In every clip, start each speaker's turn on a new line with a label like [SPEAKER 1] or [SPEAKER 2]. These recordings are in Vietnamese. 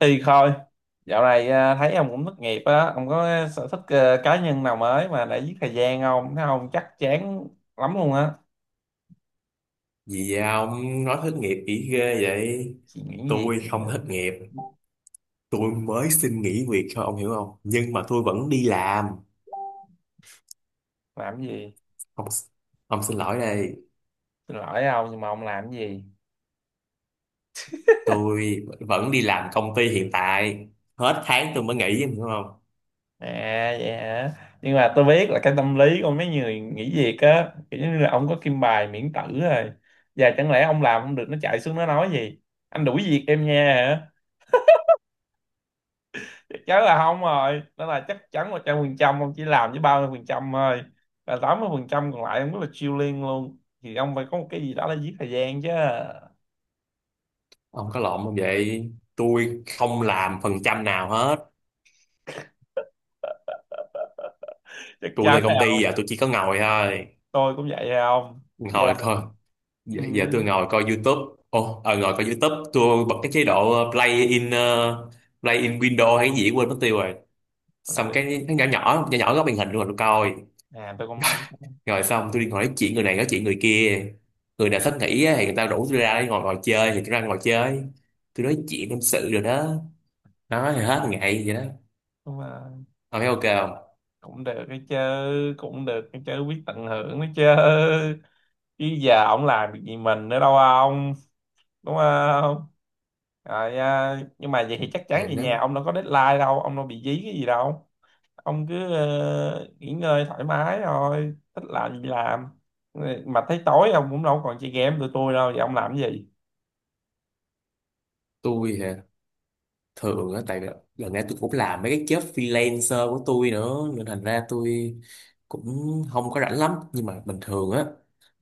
[SPEAKER 1] Thì thôi, dạo này thấy ông cũng thất nghiệp á, ông có sở thích cá nhân nào mới mà để giết thời gian không? Thấy ông chắc chán lắm luôn á.
[SPEAKER 2] Gì vậy ông nói thất nghiệp kỹ ghê vậy?
[SPEAKER 1] Suy nghĩ cái
[SPEAKER 2] Tôi
[SPEAKER 1] gì?
[SPEAKER 2] không thất nghiệp, tôi mới xin nghỉ việc thôi ông hiểu không? Nhưng mà tôi vẫn đi làm.
[SPEAKER 1] Làm cái gì?
[SPEAKER 2] Ông, ông xin lỗi đây,
[SPEAKER 1] Xin lỗi ông nhưng mà ông làm cái gì?
[SPEAKER 2] tôi vẫn đi làm công ty hiện tại. Hết tháng tôi mới nghỉ, em hiểu không?
[SPEAKER 1] À vậy hả? Nhưng mà tôi biết là cái tâm lý của mấy người nghỉ việc á, kiểu như là ông có kim bài miễn tử rồi. Và chẳng lẽ ông làm không được nó chạy xuống nó nói gì? Anh đuổi việc em nha, chắc chắn là không rồi, đó là chắc chắn 100%. Ông chỉ làm với 30% thôi và 80% còn lại ông rất là chill liên luôn, thì ông phải có một cái gì đó để giết thời gian chứ.
[SPEAKER 2] Ông có lộn không vậy? Tôi không làm phần trăm nào hết.
[SPEAKER 1] Chắc
[SPEAKER 2] Tôi
[SPEAKER 1] chắn
[SPEAKER 2] lên công
[SPEAKER 1] là không.
[SPEAKER 2] ty giờ tôi chỉ có ngồi thôi.
[SPEAKER 1] Tôi cũng vậy à ông. Dạ.
[SPEAKER 2] Ngồi thôi. Giờ,
[SPEAKER 1] Ừ.
[SPEAKER 2] giờ tôi ngồi coi YouTube. Ngồi coi YouTube. Tôi bật cái chế độ play in window hay cái gì quên mất tiêu rồi,
[SPEAKER 1] Là
[SPEAKER 2] xong
[SPEAKER 1] được.
[SPEAKER 2] cái nó nhỏ nhỏ nhỏ nhỏ góc màn hình luôn rồi coi.
[SPEAKER 1] À tôi cũng biết.
[SPEAKER 2] Rồi xong tôi đi ngồi nói chuyện người này nói chuyện người kia, người nào thích nghỉ á thì người ta rủ tôi ra để ngồi ngồi chơi thì tôi ra ngồi chơi, tôi nói chuyện tâm sự rồi đó, nói thì hết ngày vậy đó.
[SPEAKER 1] Nhưng mà
[SPEAKER 2] Ông thấy ok không?
[SPEAKER 1] cũng được cái chứ, cũng được cái chứ biết tận hưởng cái chứ. Chứ giờ ông làm việc gì mình nữa đâu ông, đúng không? Rồi nhưng mà vậy thì chắc
[SPEAKER 2] Thì
[SPEAKER 1] chắn về nhà
[SPEAKER 2] nếu
[SPEAKER 1] ông đâu có deadline đâu, ông đâu bị dí cái gì đâu. Ông cứ nghỉ ngơi thoải mái thôi, thích làm gì làm. Mà thấy tối ông cũng đâu còn chơi game tụi tôi đâu, vậy ông làm cái gì?
[SPEAKER 2] tôi thì thường á, tại lần này tôi cũng làm mấy cái job freelancer của tôi nữa nên thành ra tôi cũng không có rảnh lắm, nhưng mà bình thường á,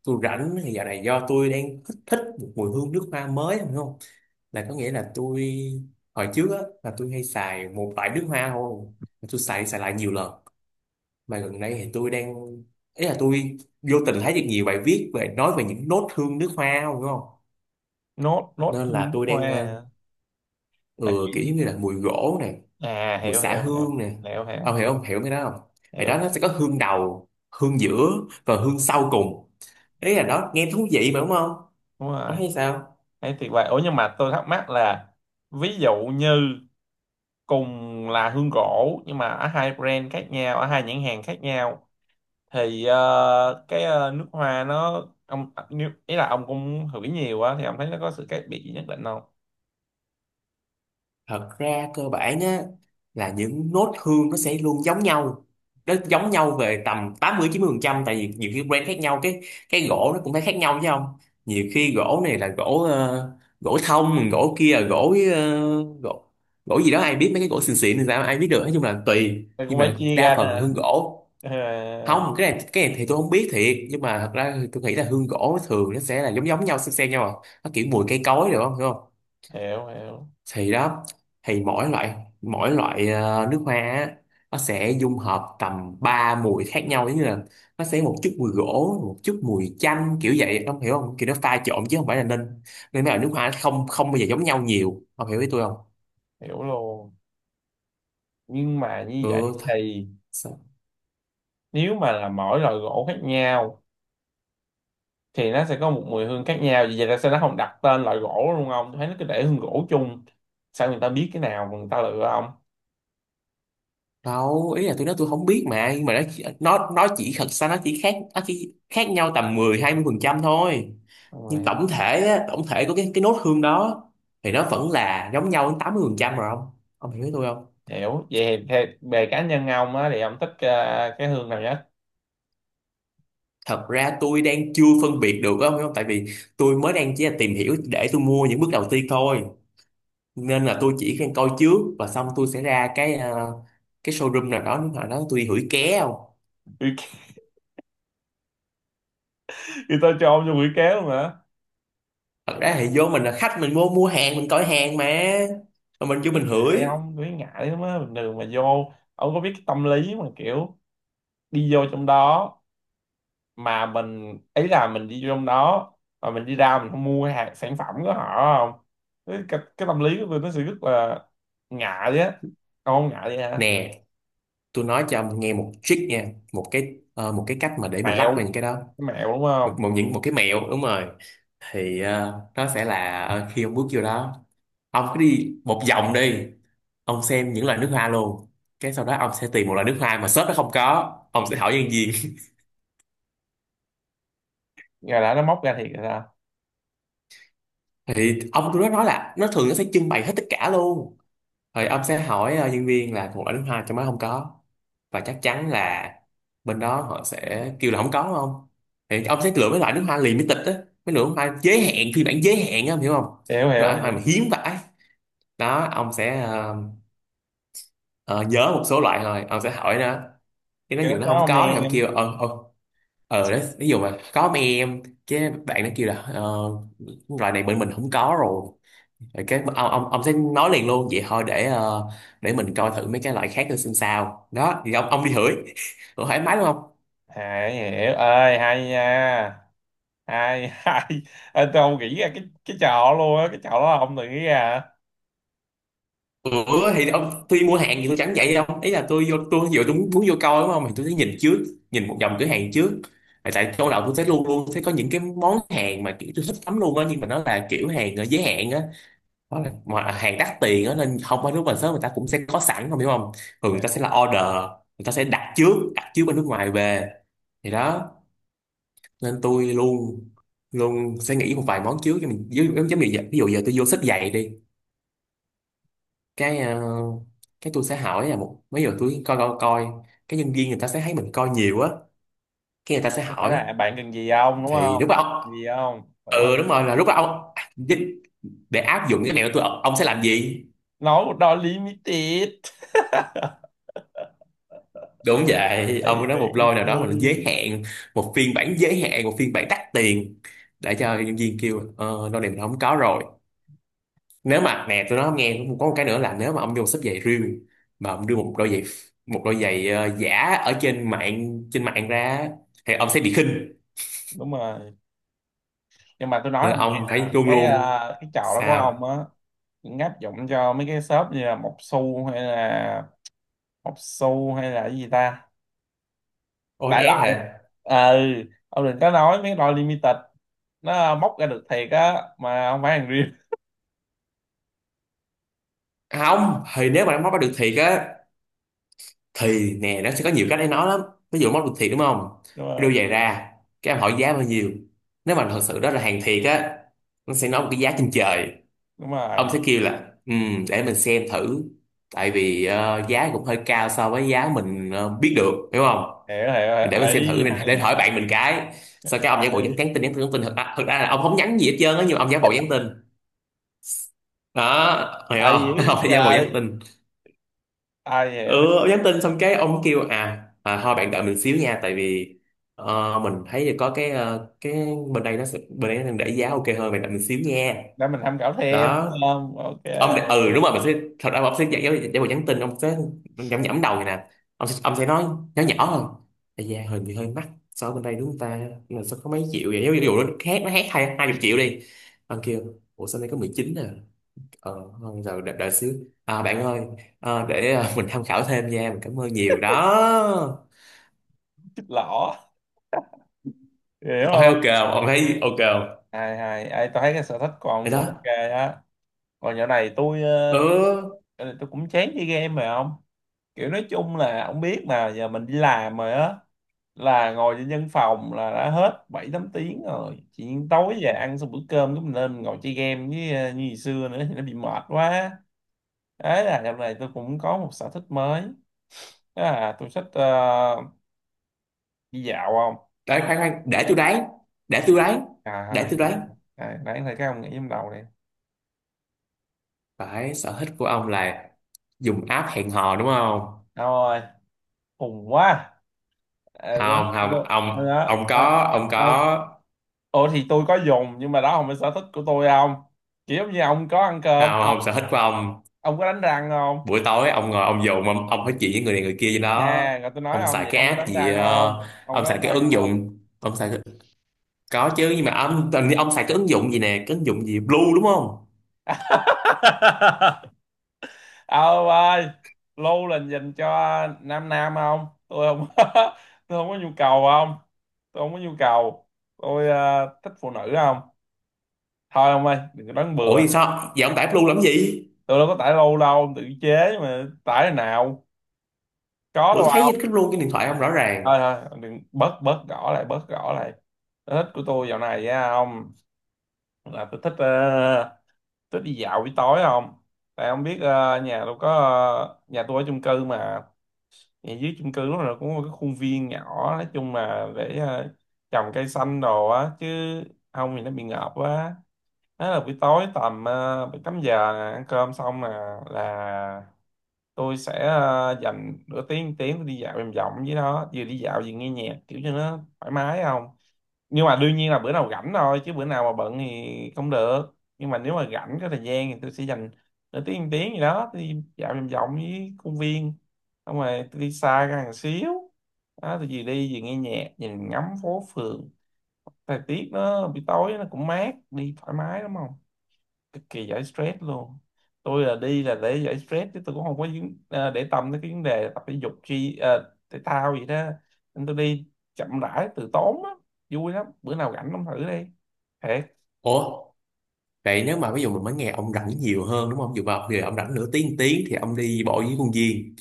[SPEAKER 2] tôi rảnh thì giờ này do tôi đang thích thích một mùi hương nước hoa mới không không là có nghĩa là tôi hồi trước á là tôi hay xài một loại nước hoa thôi. Mà tôi xài xài lại nhiều lần, mà gần đây thì tôi đang, ý là tôi vô tình thấy được nhiều bài viết về nói về những nốt hương nước hoa không đúng không,
[SPEAKER 1] Nốt nốt
[SPEAKER 2] nên
[SPEAKER 1] thư
[SPEAKER 2] là
[SPEAKER 1] nước
[SPEAKER 2] tôi
[SPEAKER 1] hoa
[SPEAKER 2] đang
[SPEAKER 1] à? Là
[SPEAKER 2] ừ,
[SPEAKER 1] kiểu
[SPEAKER 2] kiểu giống
[SPEAKER 1] gì?
[SPEAKER 2] như là mùi gỗ này,
[SPEAKER 1] À,
[SPEAKER 2] mùi
[SPEAKER 1] hiểu
[SPEAKER 2] xả
[SPEAKER 1] hiểu hiểu.
[SPEAKER 2] hương nè,
[SPEAKER 1] Hiểu
[SPEAKER 2] ông
[SPEAKER 1] hiểu.
[SPEAKER 2] hiểu không hiểu cái đó không? Thì đó
[SPEAKER 1] Hiểu
[SPEAKER 2] nó sẽ có hương đầu, hương giữa và hương sau cùng, ý là đó nghe thú vị mà đúng không?
[SPEAKER 1] Đúng
[SPEAKER 2] Ông
[SPEAKER 1] rồi.
[SPEAKER 2] thấy sao?
[SPEAKER 1] Thấy tuyệt vời, ủa nhưng mà tôi thắc mắc là, ví dụ như cùng là hương gỗ nhưng mà ở hai brand khác nhau, ở hai nhãn hàng khác nhau, thì cái nước hoa nó ông ý là ông cũng hửi nhiều á thì ông thấy nó có sự khác biệt gì nhất định không?
[SPEAKER 2] Thật ra cơ bản á, là những nốt hương nó sẽ luôn giống nhau, nó giống nhau về tầm 80-90%, tại vì nhiều khi brand khác nhau cái gỗ nó cũng phải khác nhau chứ không, nhiều khi gỗ này là gỗ thông, gỗ kia là gỗ ờ, gỗ gỗ gì đó, ai biết, mấy cái gỗ xịn xịn thì sao ai biết được, nói chung là tùy,
[SPEAKER 1] Mày cũng
[SPEAKER 2] nhưng
[SPEAKER 1] phải
[SPEAKER 2] mà
[SPEAKER 1] chia
[SPEAKER 2] đa
[SPEAKER 1] ra nữa
[SPEAKER 2] phần
[SPEAKER 1] hả?
[SPEAKER 2] hương gỗ
[SPEAKER 1] Ờ,
[SPEAKER 2] không, cái này thì tôi không biết thiệt, nhưng mà thật ra tôi nghĩ là hương gỗ thường nó sẽ là giống giống nhau xem nhau à. Nó kiểu mùi cây cối, được không hiểu không?
[SPEAKER 1] hiểu hiểu.
[SPEAKER 2] Thì đó, thì mỗi loại, mỗi loại nước hoa á, nó sẽ dung hợp tầm 3 mùi khác nhau, giống như là nó sẽ một chút mùi gỗ, một chút mùi chanh, kiểu vậy ông hiểu không, kiểu nó pha trộn chứ không phải là nên, nên mấy loại nước hoa nó không không bao giờ giống nhau nhiều, ông hiểu ý tôi không?
[SPEAKER 1] Hiểu luôn. Nhưng mà như
[SPEAKER 2] ừ
[SPEAKER 1] vậy
[SPEAKER 2] th-
[SPEAKER 1] thì
[SPEAKER 2] sao-
[SPEAKER 1] nếu mà là mỗi loại gỗ khác nhau thì nó sẽ có một mùi hương khác nhau. Vì vậy tại sao nó không đặt tên loại gỗ luôn không? Tôi thấy nó cứ để hương gỗ chung. Sao người ta biết cái nào mà người ta lựa không?
[SPEAKER 2] Đâu ý là tôi nói tôi không biết mà, nhưng mà nó chỉ, thật ra nó chỉ khác nhau tầm 10-20% thôi,
[SPEAKER 1] Đúng rồi,
[SPEAKER 2] nhưng
[SPEAKER 1] ha.
[SPEAKER 2] tổng thể á, tổng thể của cái nốt hương đó thì nó vẫn là giống nhau đến 80% rồi không, ông hiểu ý tôi không?
[SPEAKER 1] Hiểu. Vậy thì theo- về cá nhân ông á thì ông thích cái hương nào nhất?
[SPEAKER 2] Thật ra tôi đang chưa phân biệt được á, ông hiểu không, tại vì tôi mới đang chỉ là tìm hiểu để tôi mua những bước đầu tiên thôi, nên là tôi chỉ đang coi trước và xong tôi sẽ ra cái showroom nào đó, nếu mà nó tôi đi hửi ké không.
[SPEAKER 1] Thì tôi cho ông vô quỷ kéo luôn hả?
[SPEAKER 2] Thật ra thì vô mình là khách, mình mua mua hàng, mình coi hàng mà mình vô
[SPEAKER 1] Cái
[SPEAKER 2] mình
[SPEAKER 1] ngại
[SPEAKER 2] hửi.
[SPEAKER 1] ông, cái ngại lắm á. Bình thường mà vô, ông có biết cái tâm lý mà kiểu đi vô trong đó, mà mình ý là mình đi trong đó mà mình đi ra mình không mua cái hàng sản phẩm của họ không, cái tâm lý của tôi nó sẽ rất là ngại á. Ông không ngại vậy hả?
[SPEAKER 2] Nè tôi nói cho ông nghe một trick nha, một cái cách mà để mình lắc
[SPEAKER 1] Mẹo,
[SPEAKER 2] vào những cái đó.
[SPEAKER 1] cái mẹo đúng
[SPEAKER 2] một,
[SPEAKER 1] không?
[SPEAKER 2] một những một cái mẹo đúng rồi. Thì ờ, nó sẽ là ờ, khi ông bước vô đó, ông cứ đi một vòng đi, ông xem những loại nước hoa luôn, cái sau đó ông sẽ tìm một loại nước hoa mà shop nó không có, ông sẽ hỏi nhân viên.
[SPEAKER 1] Giờ đã nó móc ra thiệt rồi sao?
[SPEAKER 2] Thì ông tôi nó nói là nó thường nó sẽ trưng bày hết tất cả luôn, rồi ông sẽ hỏi nhân viên là một loại nước hoa trong đó không có, và chắc chắn là bên đó họ sẽ kêu là không có không, thì ông sẽ lựa mấy loại nước hoa limited á, mấy loại nước hoa giới hạn, phiên bản giới hạn á, ông hiểu không?
[SPEAKER 1] Hiểu
[SPEAKER 2] Mấy
[SPEAKER 1] hiểu
[SPEAKER 2] loại nước hoa mà
[SPEAKER 1] hiểu.
[SPEAKER 2] hiếm vãi, đó ông sẽ ờ, nhớ một số loại thôi, ông sẽ hỏi nó, cái nó
[SPEAKER 1] Kiểu
[SPEAKER 2] dụ nó
[SPEAKER 1] đó
[SPEAKER 2] không
[SPEAKER 1] không
[SPEAKER 2] có thì ông
[SPEAKER 1] em?
[SPEAKER 2] kêu đấy ví dụ mà có mấy em, cái bạn nó kêu là loại này bên mình không có rồi. Rồi cái ông sẽ nói liền luôn vậy thôi, để để mình coi thử mấy cái loại khác nữa xem sao, đó thì ông đi thử thoải mái đúng không?
[SPEAKER 1] À, hiểu ơi hay nha. Hay hay. Ê, tôi không nghĩ ra cái trò luôn á, cái trò đó là ông tự nghĩ ra
[SPEAKER 2] Ủa thì ông tôi mua hàng thì tôi chẳng vậy đâu, ý là tôi vô tôi vừa tôi muốn vô coi đúng không, thì tôi thấy nhìn trước, nhìn một vòng cửa hàng trước. Tại tại trong đầu tôi thấy luôn luôn thấy có những cái món hàng mà kiểu tôi thích lắm luôn á, nhưng mà nó là kiểu hàng giới hạn á, hoặc là mà hàng đắt tiền á, nên không phải lúc mà sớm người ta cũng sẽ có sẵn không hiểu không, thường
[SPEAKER 1] hả?
[SPEAKER 2] người ta sẽ
[SPEAKER 1] Hiểu.
[SPEAKER 2] là order, người ta sẽ đặt trước bên nước ngoài về, thì đó, nên tôi luôn luôn sẽ nghĩ một vài món trước cho mình, ví dụ giống như vậy, ví dụ giờ tôi vô xách giày đi, cái ờ, cái tôi sẽ hỏi là một mấy giờ tôi coi coi coi, cái nhân viên người ta sẽ thấy mình coi nhiều á, cái người ta sẽ
[SPEAKER 1] Cái hỏi
[SPEAKER 2] hỏi.
[SPEAKER 1] là bạn cần gì không đúng
[SPEAKER 2] Thì
[SPEAKER 1] không?
[SPEAKER 2] lúc đó
[SPEAKER 1] Cần
[SPEAKER 2] ông,
[SPEAKER 1] gì không đúng
[SPEAKER 2] ừ đúng
[SPEAKER 1] không?
[SPEAKER 2] rồi, là lúc đó ông à, để áp dụng cái này của tôi, ông sẽ làm gì?
[SPEAKER 1] Nói một đôi limited.
[SPEAKER 2] Đúng vậy,
[SPEAKER 1] Tại vì
[SPEAKER 2] ông nói một
[SPEAKER 1] thì
[SPEAKER 2] lôi nào đó mà nó giới hạn, một phiên bản giới hạn, một phiên bản đắt tiền, để cho nhân viên kêu ờ lôi này mình không có rồi. Nếu mà nè tôi nói ông nghe cũng có một cái nữa là, nếu mà ông vô xếp giày riêng mà ông đưa một đôi giày, một đôi giả ở trên mạng, trên mạng ra, thì ông sẽ bị khinh,
[SPEAKER 1] đúng rồi. Nhưng mà tôi nói
[SPEAKER 2] nên
[SPEAKER 1] ông nghe
[SPEAKER 2] ông phải
[SPEAKER 1] là
[SPEAKER 2] chuông
[SPEAKER 1] cái
[SPEAKER 2] luôn.
[SPEAKER 1] cái trò đó của ông
[SPEAKER 2] Sao?
[SPEAKER 1] á cũng áp dụng cho mấy cái shop như là Mộc Xu hay là Mộc Xu hay là cái gì ta, đại
[SPEAKER 2] OSS
[SPEAKER 1] loại.
[SPEAKER 2] hả?
[SPEAKER 1] Ừ. Ông đừng có nói mấy loại limited, nó móc ra được thiệt á mà không phải hàng riêng.
[SPEAKER 2] Không, thì nếu mà nó móc bắt được thiệt á, thì nè nó sẽ có nhiều cách để nói lắm. Ví dụ móc được thiệt đúng không,
[SPEAKER 1] Đúng rồi.
[SPEAKER 2] đưa giày ra, cái em hỏi giá bao nhiêu. Nếu mà thật sự đó là hàng thiệt á, nó sẽ nói một cái giá trên trời.
[SPEAKER 1] Đúng
[SPEAKER 2] Ông
[SPEAKER 1] rồi.
[SPEAKER 2] sẽ kêu là, ừ, để mình xem thử, tại vì giá cũng hơi cao so với giá mình biết được, hiểu không?
[SPEAKER 1] Hiểu hiểu hiểu.
[SPEAKER 2] Để mình xem
[SPEAKER 1] Ấy
[SPEAKER 2] thử, mình
[SPEAKER 1] hay
[SPEAKER 2] để hỏi
[SPEAKER 1] hay
[SPEAKER 2] bạn mình, cái sau cái ông giả bộ nhắn nhắn
[SPEAKER 1] hay.
[SPEAKER 2] tin nhắn tin nhắn tin, thật ra là ông không nhắn gì hết trơn á, nhưng mà ông giả bộ nhắn tin, đó hiểu
[SPEAKER 1] Ai hiểu
[SPEAKER 2] không? Ông
[SPEAKER 1] vậy
[SPEAKER 2] phải giả bộ nhắn
[SPEAKER 1] trời,
[SPEAKER 2] tin.
[SPEAKER 1] ai hiểu.
[SPEAKER 2] Ừ ông nhắn tin xong cái ông kêu à thôi bạn đợi mình xíu nha, tại vì mình thấy là có cái bên đây nó sẽ, bên đây nó đang để giá ok hơn, bạn đợi mình xíu nha.
[SPEAKER 1] Để mình tham khảo thêm
[SPEAKER 2] Đó
[SPEAKER 1] đúng không, ok.
[SPEAKER 2] ông để, ừ đúng rồi mình sẽ, thật ra ông sẽ giả bộ nhắn tin, ông sẽ nhẩm nhẩm đầu này nè, ông sẽ nói nhỏ nhỏ hơn. Ây da hình thì hơi mắc so với bên đây đúng không ta, là sao có mấy triệu vậy, ví dụ nó khác, nó khác hai hai chục triệu đi, ông kêu ủa sao đây có 19 à. Ờ, không rồi đã xíu, bạn ơi, để mình tham khảo thêm nha, mình cảm ơn nhiều đó.
[SPEAKER 1] Chích lỏ, hiểu
[SPEAKER 2] Ok
[SPEAKER 1] không?
[SPEAKER 2] ok không? Ông thấy ok không?
[SPEAKER 1] Hay hay. Ê, tôi thấy cái sở thích của
[SPEAKER 2] Vậy
[SPEAKER 1] ông cũng
[SPEAKER 2] đó.
[SPEAKER 1] ok á. Còn dạo này tôi
[SPEAKER 2] Ừ,
[SPEAKER 1] dạo này tôi cũng chán chơi game rồi không. Kiểu nói chung là ông biết mà giờ mình đi làm rồi á, là ngồi trên văn phòng là đã hết 7 8 tiếng rồi, chỉ tối về ăn xong bữa cơm cái mình lên mình ngồi chơi game với như ngày xưa nữa thì nó bị mệt quá. Đấy là dạo này tôi cũng có một sở thích mới, đó là tôi thích đi dạo không.
[SPEAKER 2] đấy khoan khoan để tôi đoán, để tôi đoán,
[SPEAKER 1] À,
[SPEAKER 2] để tôi đoán.
[SPEAKER 1] à nãy thấy các ông nghĩ trong đầu này.
[SPEAKER 2] Phải, sở thích của ông là dùng app hẹn hò đúng không?
[SPEAKER 1] Đâu rồi. Khùng quá. À, đúng
[SPEAKER 2] không
[SPEAKER 1] đúng,
[SPEAKER 2] không
[SPEAKER 1] rồi
[SPEAKER 2] ông
[SPEAKER 1] đó,
[SPEAKER 2] ông
[SPEAKER 1] đó,
[SPEAKER 2] có ông
[SPEAKER 1] đó.
[SPEAKER 2] có
[SPEAKER 1] Ủa thì tôi có dùng nhưng mà đó không phải sở thích của tôi ông, kiểu giống như ông có ăn cơm
[SPEAKER 2] không không sở thích của ông
[SPEAKER 1] ông có đánh răng không.
[SPEAKER 2] buổi tối ông ngồi ông dùng, ông nói chuyện với người này người kia gì đó,
[SPEAKER 1] Nè rồi tôi nói
[SPEAKER 2] ông
[SPEAKER 1] ông
[SPEAKER 2] xài
[SPEAKER 1] vậy
[SPEAKER 2] cái
[SPEAKER 1] ông có
[SPEAKER 2] app
[SPEAKER 1] đánh
[SPEAKER 2] gì
[SPEAKER 1] răng
[SPEAKER 2] ờ,
[SPEAKER 1] không, ông
[SPEAKER 2] ông
[SPEAKER 1] có
[SPEAKER 2] xài
[SPEAKER 1] đánh
[SPEAKER 2] cái
[SPEAKER 1] răng
[SPEAKER 2] ứng
[SPEAKER 1] không?
[SPEAKER 2] dụng, ông xài. Có chứ nhưng mà ông tình ông xài cái ứng dụng gì nè, cái ứng dụng gì Blue đúng không?
[SPEAKER 1] Ông ơi, lưu là dành cho nam nam không, tôi không. Tôi không có nhu cầu không. Tôi không có nhu cầu. Tôi thích phụ nữ không. Thôi ông ơi đừng có đoán
[SPEAKER 2] Ủa
[SPEAKER 1] bừa.
[SPEAKER 2] thì sao? Vậy ông tải Blue làm gì?
[SPEAKER 1] Tôi đâu có tải lâu đâu, tự chế mà tải nào. Có
[SPEAKER 2] Bữa
[SPEAKER 1] đâu.
[SPEAKER 2] thấy cái Blue trên điện thoại ông rõ ràng.
[SPEAKER 1] Thôi thôi đừng, bớt bớt gõ lại, bớt gõ lại. Sở thích của tôi dạo này á ông là tôi thích thích đi dạo buổi tối không. Tại ông biết nhà tôi có nhà tôi ở chung cư mà, nhà dưới chung cư lúc nào cũng có cái khuôn viên nhỏ, nói chung là để trồng cây xanh đồ á chứ không thì nó bị ngợp quá. Đó là buổi tối tầm 7 8 giờ nè, ăn cơm xong nè, là tôi sẽ dành nửa tiếng tiếng tôi đi dạo vòng vòng với nó, vừa đi dạo vừa nghe nhạc kiểu cho nó thoải mái không. Nhưng mà đương nhiên là bữa nào rảnh thôi chứ bữa nào mà bận thì không được, nhưng mà nếu mà rảnh có thời gian thì tôi sẽ dành nửa tiếng một tiếng gì đó tôi đi dạo vòng vòng với công viên, xong rồi tôi đi xa ra một xíu. Đó tôi vừa đi vừa nghe nhạc nhìn ngắm phố phường, thời tiết nó buổi tối nó cũng mát đi thoải mái lắm không, cực kỳ giải stress luôn. Tôi là đi là để giải stress chứ tôi cũng không có để tâm tới cái vấn đề tập thể dục chi, thể thao gì đó, nên tôi đi chậm rãi từ tốn á, vui lắm, bữa nào rảnh ông thử đi thiệt.
[SPEAKER 2] Ủa, vậy nếu mà ví dụ mình mới nghe ông rảnh nhiều hơn đúng không? Dù vào giờ ông rảnh nửa tiếng tiếng thì ông đi bộ với công viên.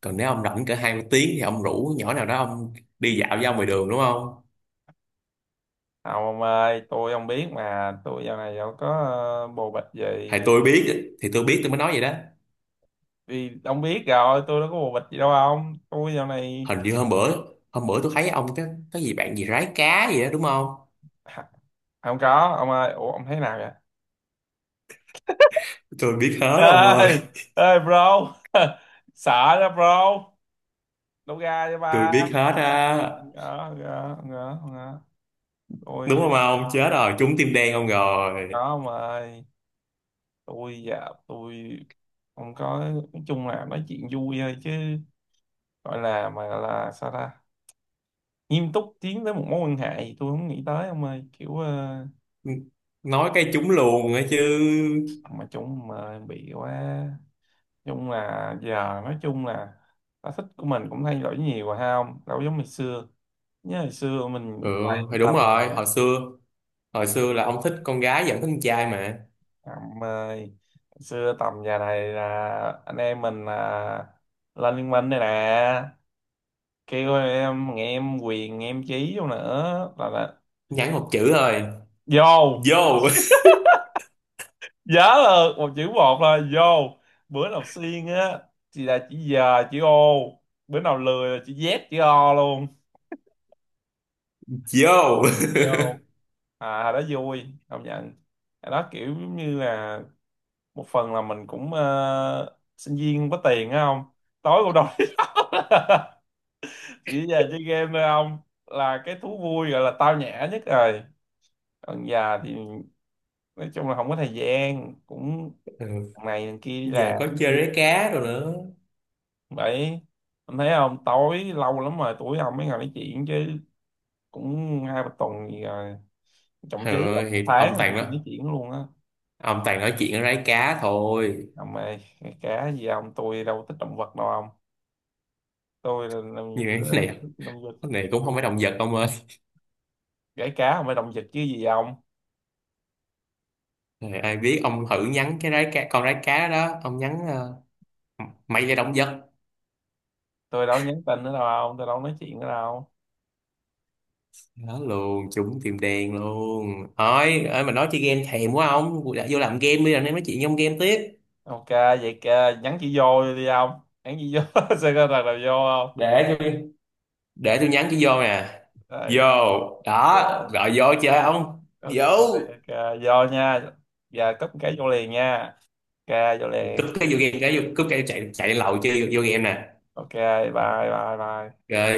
[SPEAKER 2] Còn
[SPEAKER 1] Ừ.
[SPEAKER 2] nếu ông rảnh cỡ 2 tiếng thì ông rủ nhỏ nào đó ông đi dạo với ông ngoài đường đúng không?
[SPEAKER 1] Không ông ơi, tôi không biết mà tôi giờ này đâu có bồ bịch gì.
[SPEAKER 2] Thì tôi biết tôi mới nói vậy đó.
[SPEAKER 1] Vì ông biết rồi tôi đâu có bồ bịch gì đâu ông, tôi giờ này
[SPEAKER 2] Hình như hôm bữa tôi thấy ông cái gì bạn gì rái cá gì đó đúng không?
[SPEAKER 1] không có. Ông ơi ủa ông thấy nào vậy?
[SPEAKER 2] Tôi biết hết ông ơi,
[SPEAKER 1] Ê, ê bro. Sợ đó bro, đâu ra cho
[SPEAKER 2] tôi
[SPEAKER 1] ba.
[SPEAKER 2] biết hết á.
[SPEAKER 1] Gỡ, gỡ, gỡ, gỡ.
[SPEAKER 2] Đúng
[SPEAKER 1] Tôi
[SPEAKER 2] không ông, chết rồi, trúng tim đen ông rồi,
[SPEAKER 1] có mà ơi. Tôi dạ, tôi không có, nói chung là nói chuyện vui thôi chứ gọi là mà là sao ta? Nghiêm túc tiến tới một mối quan hệ thì tôi không nghĩ tới ông ơi. Kiểu
[SPEAKER 2] nói cái trúng luôn ấy chứ.
[SPEAKER 1] mà chung mà bị quá. Nói chung là giờ, nói chung là sở thích của mình cũng thay đổi nhiều rồi ha ông. Đâu giống ngày xưa. Nhớ ngày xưa
[SPEAKER 2] Ừ
[SPEAKER 1] mình toàn
[SPEAKER 2] thì đúng
[SPEAKER 1] tầm này.
[SPEAKER 2] rồi, hồi xưa, hồi xưa là ông thích con gái vẫn thích con trai mà.
[SPEAKER 1] Em ơi, xưa tầm giờ này là anh em mình là lên liên minh đây nè, kêu em nghe em quyền nghe em chí vô nữa là
[SPEAKER 2] Nhắn một chữ thôi.
[SPEAKER 1] vô.
[SPEAKER 2] Vô
[SPEAKER 1] Nhớ là một chữ một là vô, bữa nào xuyên á thì là chữ giờ chữ ô, bữa nào lười là chữ z chữ o luôn.
[SPEAKER 2] Vô.
[SPEAKER 1] Vô. À hồi đó vui công nhận. Hồi đó kiểu giống như là một phần là mình cũng sinh viên không có tiền á không, tối cũng đâu đi đâu chỉ giờ chơi game thôi ông, là cái thú vui gọi là tao nhã nhất rồi. Còn già thì nói chung là không có thời gian cũng
[SPEAKER 2] Ừ.
[SPEAKER 1] thằng này thằng kia đi
[SPEAKER 2] Giờ
[SPEAKER 1] làm.
[SPEAKER 2] có chơi rái cá rồi nữa.
[SPEAKER 1] Vậy anh thấy không, tối lâu lắm rồi tuổi ông mới ngồi nói chuyện chứ cũng 2 3 tuần gì rồi, thậm
[SPEAKER 2] Ừ,
[SPEAKER 1] chí là một
[SPEAKER 2] thì
[SPEAKER 1] tháng
[SPEAKER 2] ông
[SPEAKER 1] rồi tụi
[SPEAKER 2] toàn đó,
[SPEAKER 1] tôi nói chuyện luôn á.
[SPEAKER 2] ông toàn nói chuyện ở rái cá thôi.
[SPEAKER 1] Ông ơi cá gì, ông tôi đâu thích động vật đâu ông. Tôi là
[SPEAKER 2] Nhưng mà cái này,
[SPEAKER 1] thích động vật.
[SPEAKER 2] cái này cũng không phải động vật ông ơi.
[SPEAKER 1] Gãy cá không phải động vật chứ gì ông.
[SPEAKER 2] Trời, ai biết, ông thử nhắn cái rái cá, con rái cá đó ông nhắn mày là động vật.
[SPEAKER 1] Tôi đâu nhắn tin nữa đâu ông, tôi đâu nói chuyện nữa đâu.
[SPEAKER 2] Đó luôn, trúng tim đen luôn. Thôi ơi mà nói chơi game thèm quá, ông đã vô làm game bây giờ, nên nói chuyện trong game tiếp.
[SPEAKER 1] Ok vậy kìa, nhắn chị vô đi ông, nhắn chị vô sẽ có thằng nào vô không.
[SPEAKER 2] Để tôi để tôi nhắn cái vô nè. Vô.
[SPEAKER 1] Đây,
[SPEAKER 2] Đó
[SPEAKER 1] yeah.
[SPEAKER 2] gọi vô chơi không?
[SPEAKER 1] Ok.
[SPEAKER 2] Vô.
[SPEAKER 1] Ok. Vô nha. Giờ cấp cái vô liền nha. Ok vô
[SPEAKER 2] Cúp
[SPEAKER 1] liền.
[SPEAKER 2] cái vô game, cái vô cúp cái chạy, chạy lên lầu chơi, vô game nè.
[SPEAKER 1] Ok bye bye bye
[SPEAKER 2] Rồi.